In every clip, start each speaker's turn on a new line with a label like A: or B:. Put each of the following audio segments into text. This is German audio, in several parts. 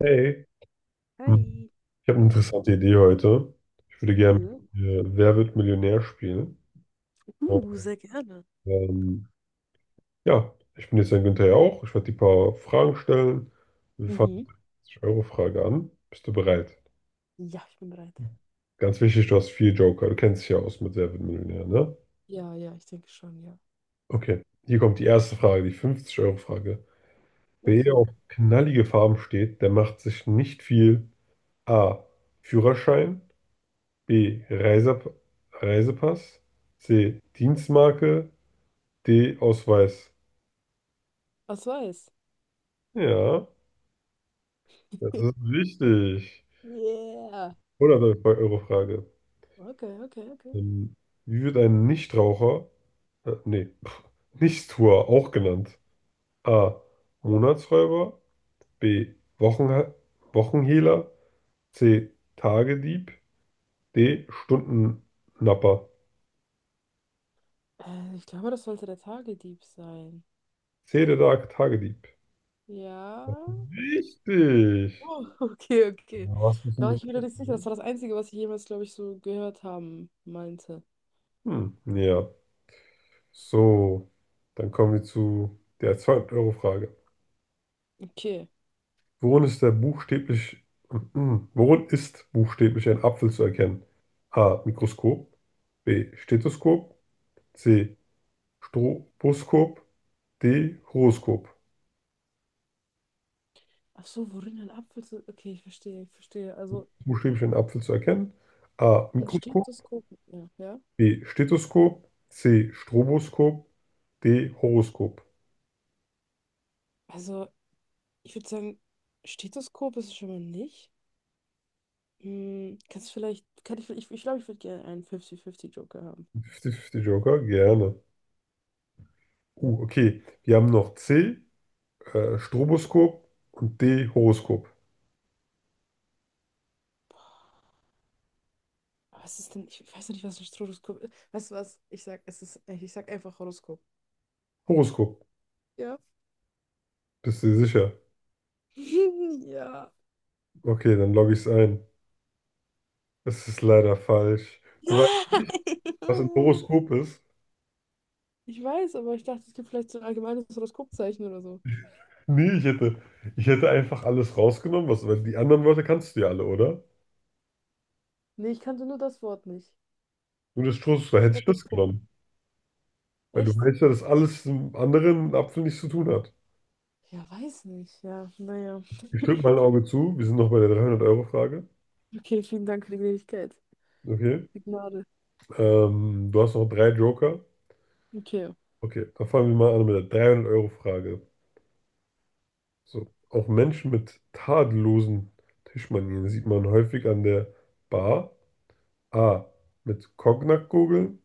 A: Hey, Hm.
B: Hi.
A: Ich habe eine interessante Idee heute. Ich würde gerne
B: Mhm.
A: Wer wird Millionär spielen. Und,
B: Sehr gerne.
A: ähm, ja, ich bin jetzt ein Günther ja auch. Ich werde dir ein paar Fragen stellen. Wir fangen mit
B: Mhm.
A: der 50-Euro-Frage an. Bist du bereit?
B: Ja, ich bin bereit.
A: Ganz wichtig, du hast vier Joker. Du kennst dich ja aus mit Wer wird Millionär, ne?
B: Ja, ja, ich denke schon, ja.
A: Okay, hier kommt die erste Frage, die 50-Euro-Frage. Wer
B: Okay.
A: auf knallige Farben steht, der macht sich nicht viel. A. Führerschein, B. Reisepass. C. Dienstmarke. D. Ausweis.
B: Was weiß?
A: Ja, das ist richtig.
B: Yeah.
A: 100-Euro-Frage.
B: Okay, okay, okay.
A: Ähm, wie wird ein Nichtraucher, nee, Nichtstuer auch genannt? A. Monatsräuber. B. Wochenha Wochenhehler. C. Tagedieb. D. Stundennapper.
B: Ich glaube, das sollte der Tagedieb sein.
A: C. Der Tagedieb.
B: Ja.
A: Richtig.
B: Oh, okay, okay.
A: Ja, was ist
B: Da
A: denn
B: war
A: das?
B: ich wieder nicht sicher. Das war das Einzige, was ich jemals, glaube ich, so gehört haben meinte.
A: Hm, ja. So, dann kommen wir zu der 200 Euro Frage.
B: Okay.
A: Worin ist der buchstäblich, mhm. worin ist buchstäblich ein Apfel zu erkennen? A. Mikroskop. B. Stethoskop. C. Stroboskop. D. Horoskop.
B: Ach so, worin ein Apfel zu. Okay, ich verstehe, ich verstehe. Also
A: Buchstäblich ein Apfel zu erkennen? A.
B: ein
A: Mikroskop.
B: Stethoskop. Ja, ja.
A: B. Stethoskop. C. Stroboskop. D. Horoskop.
B: Also, ich würde sagen, Stethoskop ist es schon mal nicht. Hm, kannst du vielleicht, kann ich glaube, ich würde gerne einen 50-50 Joker haben.
A: 50 Fünfzig Joker, gerne. Okay. Wir haben noch C. Stroboskop und D. Horoskop.
B: Aber was ist denn, ich weiß noch nicht, was ein Stroboskop ist. Weißt du was? Ich sag, es ist, ich sag einfach Horoskop.
A: Horoskop.
B: Ja.
A: Bist du dir sicher?
B: Ja.
A: Okay, dann logge ich es ein. Es ist leider falsch. Du weißt, was ein
B: Nein!
A: Horoskop ist?
B: Ich weiß, aber ich dachte, es gibt vielleicht so ein allgemeines Horoskopzeichen oder so.
A: Nee, ich hätte einfach alles rausgenommen, was, weil die anderen Wörter kannst du ja alle, oder?
B: Nee, ich kannte nur das Wort nicht.
A: Nur das Stroboskop hätte ich das
B: Stroboskop.
A: genommen. Weil du
B: Echt?
A: weißt ja, dass alles mit dem anderen Apfel nichts zu tun hat.
B: Ja, weiß nicht. Ja, naja.
A: Ich drücke mal ein Auge zu. Wir sind noch bei der 300 Euro Frage.
B: Okay, vielen Dank für die Gnädigkeit.
A: Okay.
B: Die Gnade.
A: Du hast noch drei Joker.
B: Okay.
A: Okay, dann fangen wir mal an mit der 300 Euro Frage. So, auch Menschen mit tadellosen Tischmanieren sieht man häufig an der Bar. A. Mit Cognac-Gurgeln.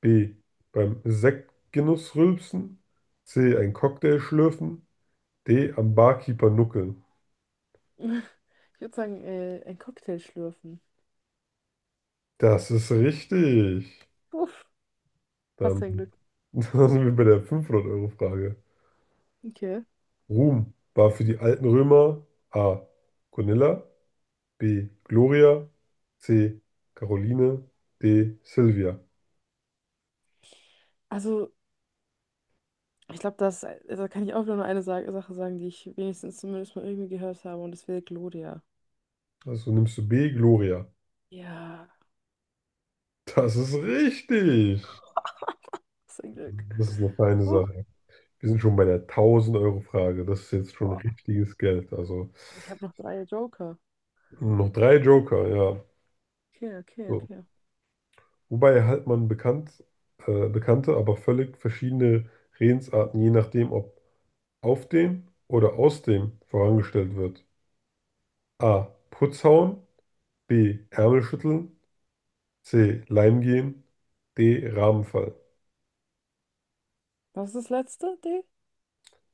A: B. Beim Sektgenuss rülpsen. C. Ein Cocktail schlürfen. D. Am Barkeeper nuckeln.
B: Ich würde sagen, ein Cocktail schlürfen.
A: Das ist richtig.
B: Uff, passt ja
A: Dann,
B: Glück.
A: dann sind wir bei der 500-Euro-Frage.
B: Okay.
A: Ruhm war für die alten Römer A. Gonilla. B. Gloria. C. Caroline. D. Silvia.
B: Also, ich glaube, das, da kann ich auch wieder nur eine Sache sagen, die ich wenigstens zumindest mal irgendwie gehört habe, und das wäre Gloria.
A: Also nimmst du B, Gloria.
B: Ja,
A: Das ist richtig.
B: was ein Glück.
A: Das ist eine feine
B: Huch,
A: Sache. Wir sind schon bei der 1.000-Euro-Frage. Das ist jetzt schon
B: boah,
A: richtiges Geld. Also
B: ich habe noch drei Joker.
A: noch drei Joker, ja.
B: Okay, okay,
A: So.
B: okay.
A: Wobei halt man bekannte, aber völlig verschiedene Redensarten, je nachdem, ob auf dem oder aus dem vorangestellt wird. A. Putzhauen. B. Ärmel schütteln. C. Leim gehen. D. Rahmen fallen.
B: Was ist das letzte? D?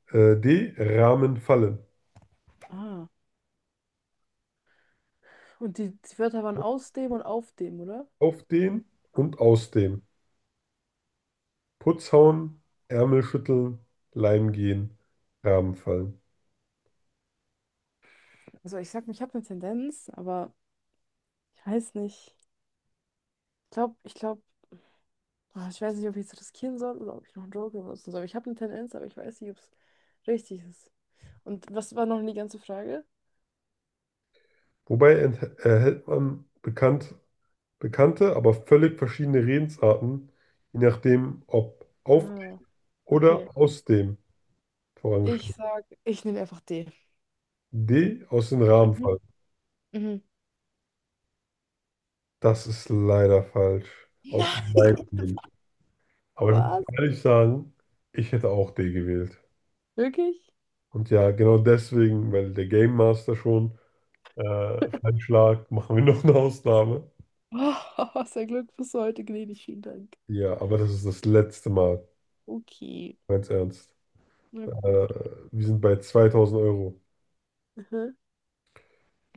A: D. Rahmen fallen.
B: Ah. Und die Wörter waren aus dem und auf dem, oder?
A: Auf den und aus dem. Putz hauen, Ärmel schütteln, Leim gehen, Rahmen fallen.
B: Also, ich sag, ich habe eine Tendenz, aber ich weiß nicht. Ich glaube, ich weiß nicht, ob ich es riskieren soll oder ob ich noch einen Joker benutzen soll. Ich habe eine Tendenz, aber ich weiß nicht, ob es richtig ist. Und was war noch die ganze Frage?
A: Erhält man bekannt, bekannte, aber völlig verschiedene Redensarten, je nachdem, ob auf dem
B: Ah,
A: oder
B: okay.
A: aus dem
B: Ich
A: vorangestellt.
B: sag, ich nehme einfach D.
A: D, aus dem Rahmen
B: Mhm.
A: fallen.
B: Mhm.
A: Das ist leider falsch. Aus dem
B: Nein,
A: Leim gehen. Aber ich muss
B: was?
A: ehrlich sagen, ich hätte auch D gewählt.
B: Wirklich?
A: Und ja, genau deswegen, weil der Game Master schon. Feinschlag, machen wir noch eine Ausnahme.
B: Oh, sehr Glück bis heute gnädig, vielen Dank.
A: Ja, aber das ist das letzte Mal,
B: Okay,
A: ganz ernst.
B: na
A: Äh,
B: gut.
A: wir sind bei 2.000 Euro.
B: Mhm.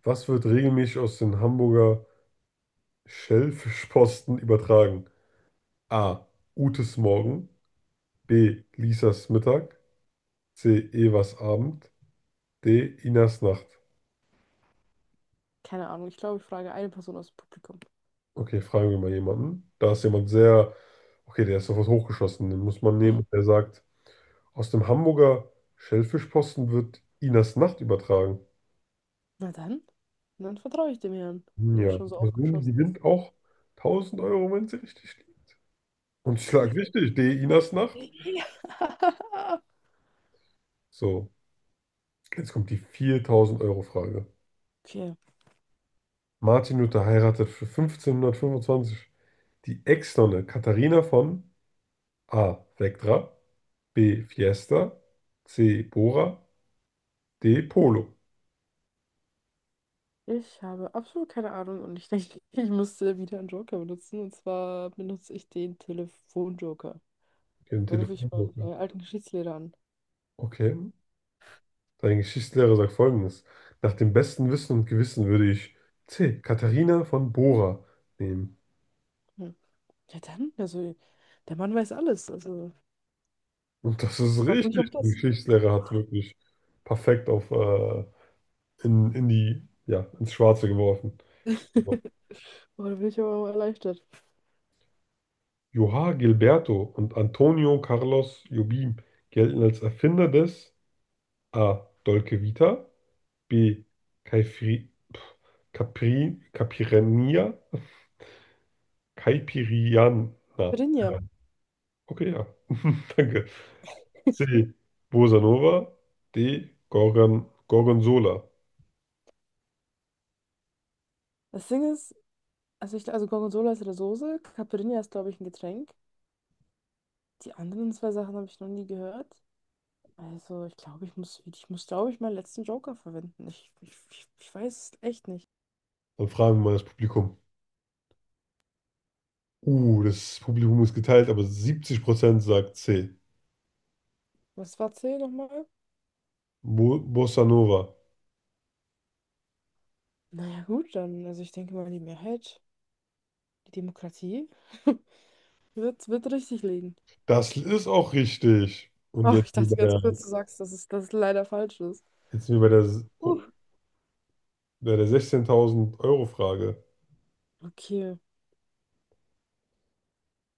A: Was wird regelmäßig aus den Hamburger Schellfischposten übertragen? A. Utes Morgen. B. Lisas Mittag. C. Evas Abend. D. Inas Nacht.
B: Keine Ahnung, ich glaube, ich frage eine Person aus dem Publikum.
A: Okay, fragen wir mal jemanden. Da ist jemand sehr, okay, der ist sofort hochgeschossen. Den muss man
B: Ui.
A: nehmen. Der sagt, aus dem Hamburger Schellfischposten wird Inas Nacht übertragen.
B: Na dann? Dann vertraue ich dem Herrn, wenn er
A: Ja,
B: schon so
A: also Moon
B: aufgeschossen ist.
A: gewinnt auch 1.000 Euro, wenn sie richtig liegt. Und ich
B: Ich
A: schlag
B: hoffe.
A: richtig, D. Inas Nacht.
B: Ja.
A: So, jetzt kommt die 4.000 Euro Frage.
B: Okay,
A: Martin Luther heiratet für 1525 die Ex-Nonne Katharina von A. Vectra, B. Fiesta, C. Bora, D. Polo.
B: ich habe absolut keine Ahnung und ich denke, ich müsste wieder einen Joker benutzen. Und zwar benutze ich den Telefonjoker.
A: Ihren
B: Da rufe ich
A: Telefonbuch.
B: meinen alten Geschichtslehrer an.
A: Okay. Dein Geschichtslehrer sagt Folgendes. Nach dem besten Wissen und Gewissen würde ich C. Katharina von Bora nehmen.
B: Hm. Ja, dann, also, der Mann weiß alles. Also,
A: Und das ist
B: hoffe ich
A: richtig.
B: auf
A: Die
B: das.
A: Geschichtslehrer hat wirklich perfekt auf in die, ja, ins Schwarze geworfen.
B: Oh, da bin ich aber mal erleichtert.
A: João Gilberto und Antonio Carlos Jobim gelten als Erfinder des A. Dolce Vita, B. Caifri, pf, Capri, Capirania, Caipiriana.
B: Caipirinha.
A: Okay, ja. Danke. C. Bossa Nova, D. Gorgonzola.
B: Das Ding ist, also, also Gorgonzola ist eine Soße. Caipirinha ist, glaube ich, ein Getränk. Die anderen zwei Sachen habe ich noch nie gehört. Also, ich glaube, ich muss, glaube ich, meinen letzten Joker verwenden. Ich weiß es echt nicht.
A: Dann fragen wir mal das Publikum. Das Publikum ist geteilt, aber 70% sagt C.
B: Was war C nochmal?
A: Bo Bossa Nova.
B: Naja, gut, dann, also ich denke mal, die Mehrheit, die Demokratie, wird richtig liegen.
A: Das ist auch richtig. Und
B: Oh,
A: jetzt
B: ich
A: sind
B: dachte
A: wir bei
B: ganz
A: der,
B: kurz, du sagst, dass es leider falsch ist.
A: jetzt sind wir bei der,
B: Uh,
A: oh, bei der 16.000 Euro Frage.
B: okay.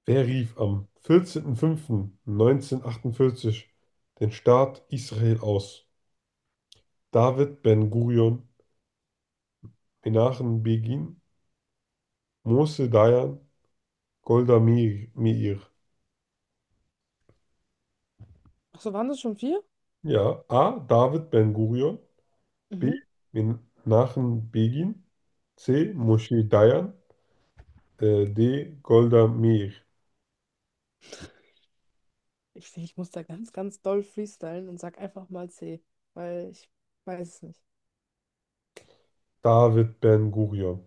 A: Wer rief am 14.05.1948 den Staat Israel aus? David Ben-Gurion, Menachem Begin, Moshe Dayan, Golda Meir. Meir.
B: Achso, waren das schon vier?
A: Ja, A. David Ben-Gurion, B.
B: Mhm.
A: Menachem Begin. C. Moshe Dayan. D. Golda Meir.
B: Ich sehe, ich muss da ganz, ganz doll freestylen und sag einfach mal C, weil ich weiß es nicht.
A: David Ben-Gurion.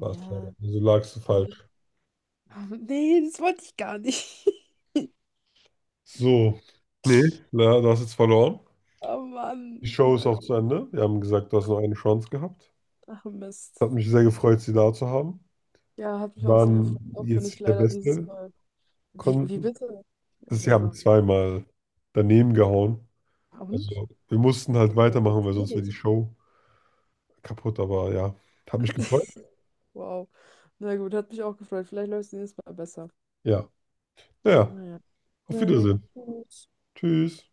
A: War es leider. Also lagst du
B: nee.
A: falsch.
B: Ah, nee, das wollte ich gar nicht.
A: So. Nee, na, du hast jetzt verloren.
B: Oh
A: Die
B: Mann.
A: Show ist
B: Na
A: auch zu
B: gut.
A: Ende. Wir haben gesagt, du hast noch eine Chance gehabt.
B: Ach Mist.
A: Hat mich sehr gefreut, sie da zu haben.
B: Ja, hat mich
A: Sie
B: auch sehr gefreut,
A: waren
B: auch wenn
A: jetzt
B: ich
A: nicht der
B: leider dieses
A: Beste.
B: Mal. Wie,
A: Kon
B: wie bitte?
A: sie
B: Also,
A: haben zweimal daneben gehauen.
B: und?
A: Also wir
B: Das
A: mussten
B: heißt,
A: halt
B: ich glaub,
A: weitermachen,
B: das
A: weil
B: ist
A: sonst wäre die
B: nicht.
A: Show kaputt. Aber ja, hat mich gefreut.
B: Wow. Na gut, hat mich auch gefreut. Vielleicht läuft es nächstes Mal besser.
A: Ja, ja. Ja.
B: Naja.
A: Auf
B: Naja.
A: Wiedersehen.
B: Gut.
A: Tschüss.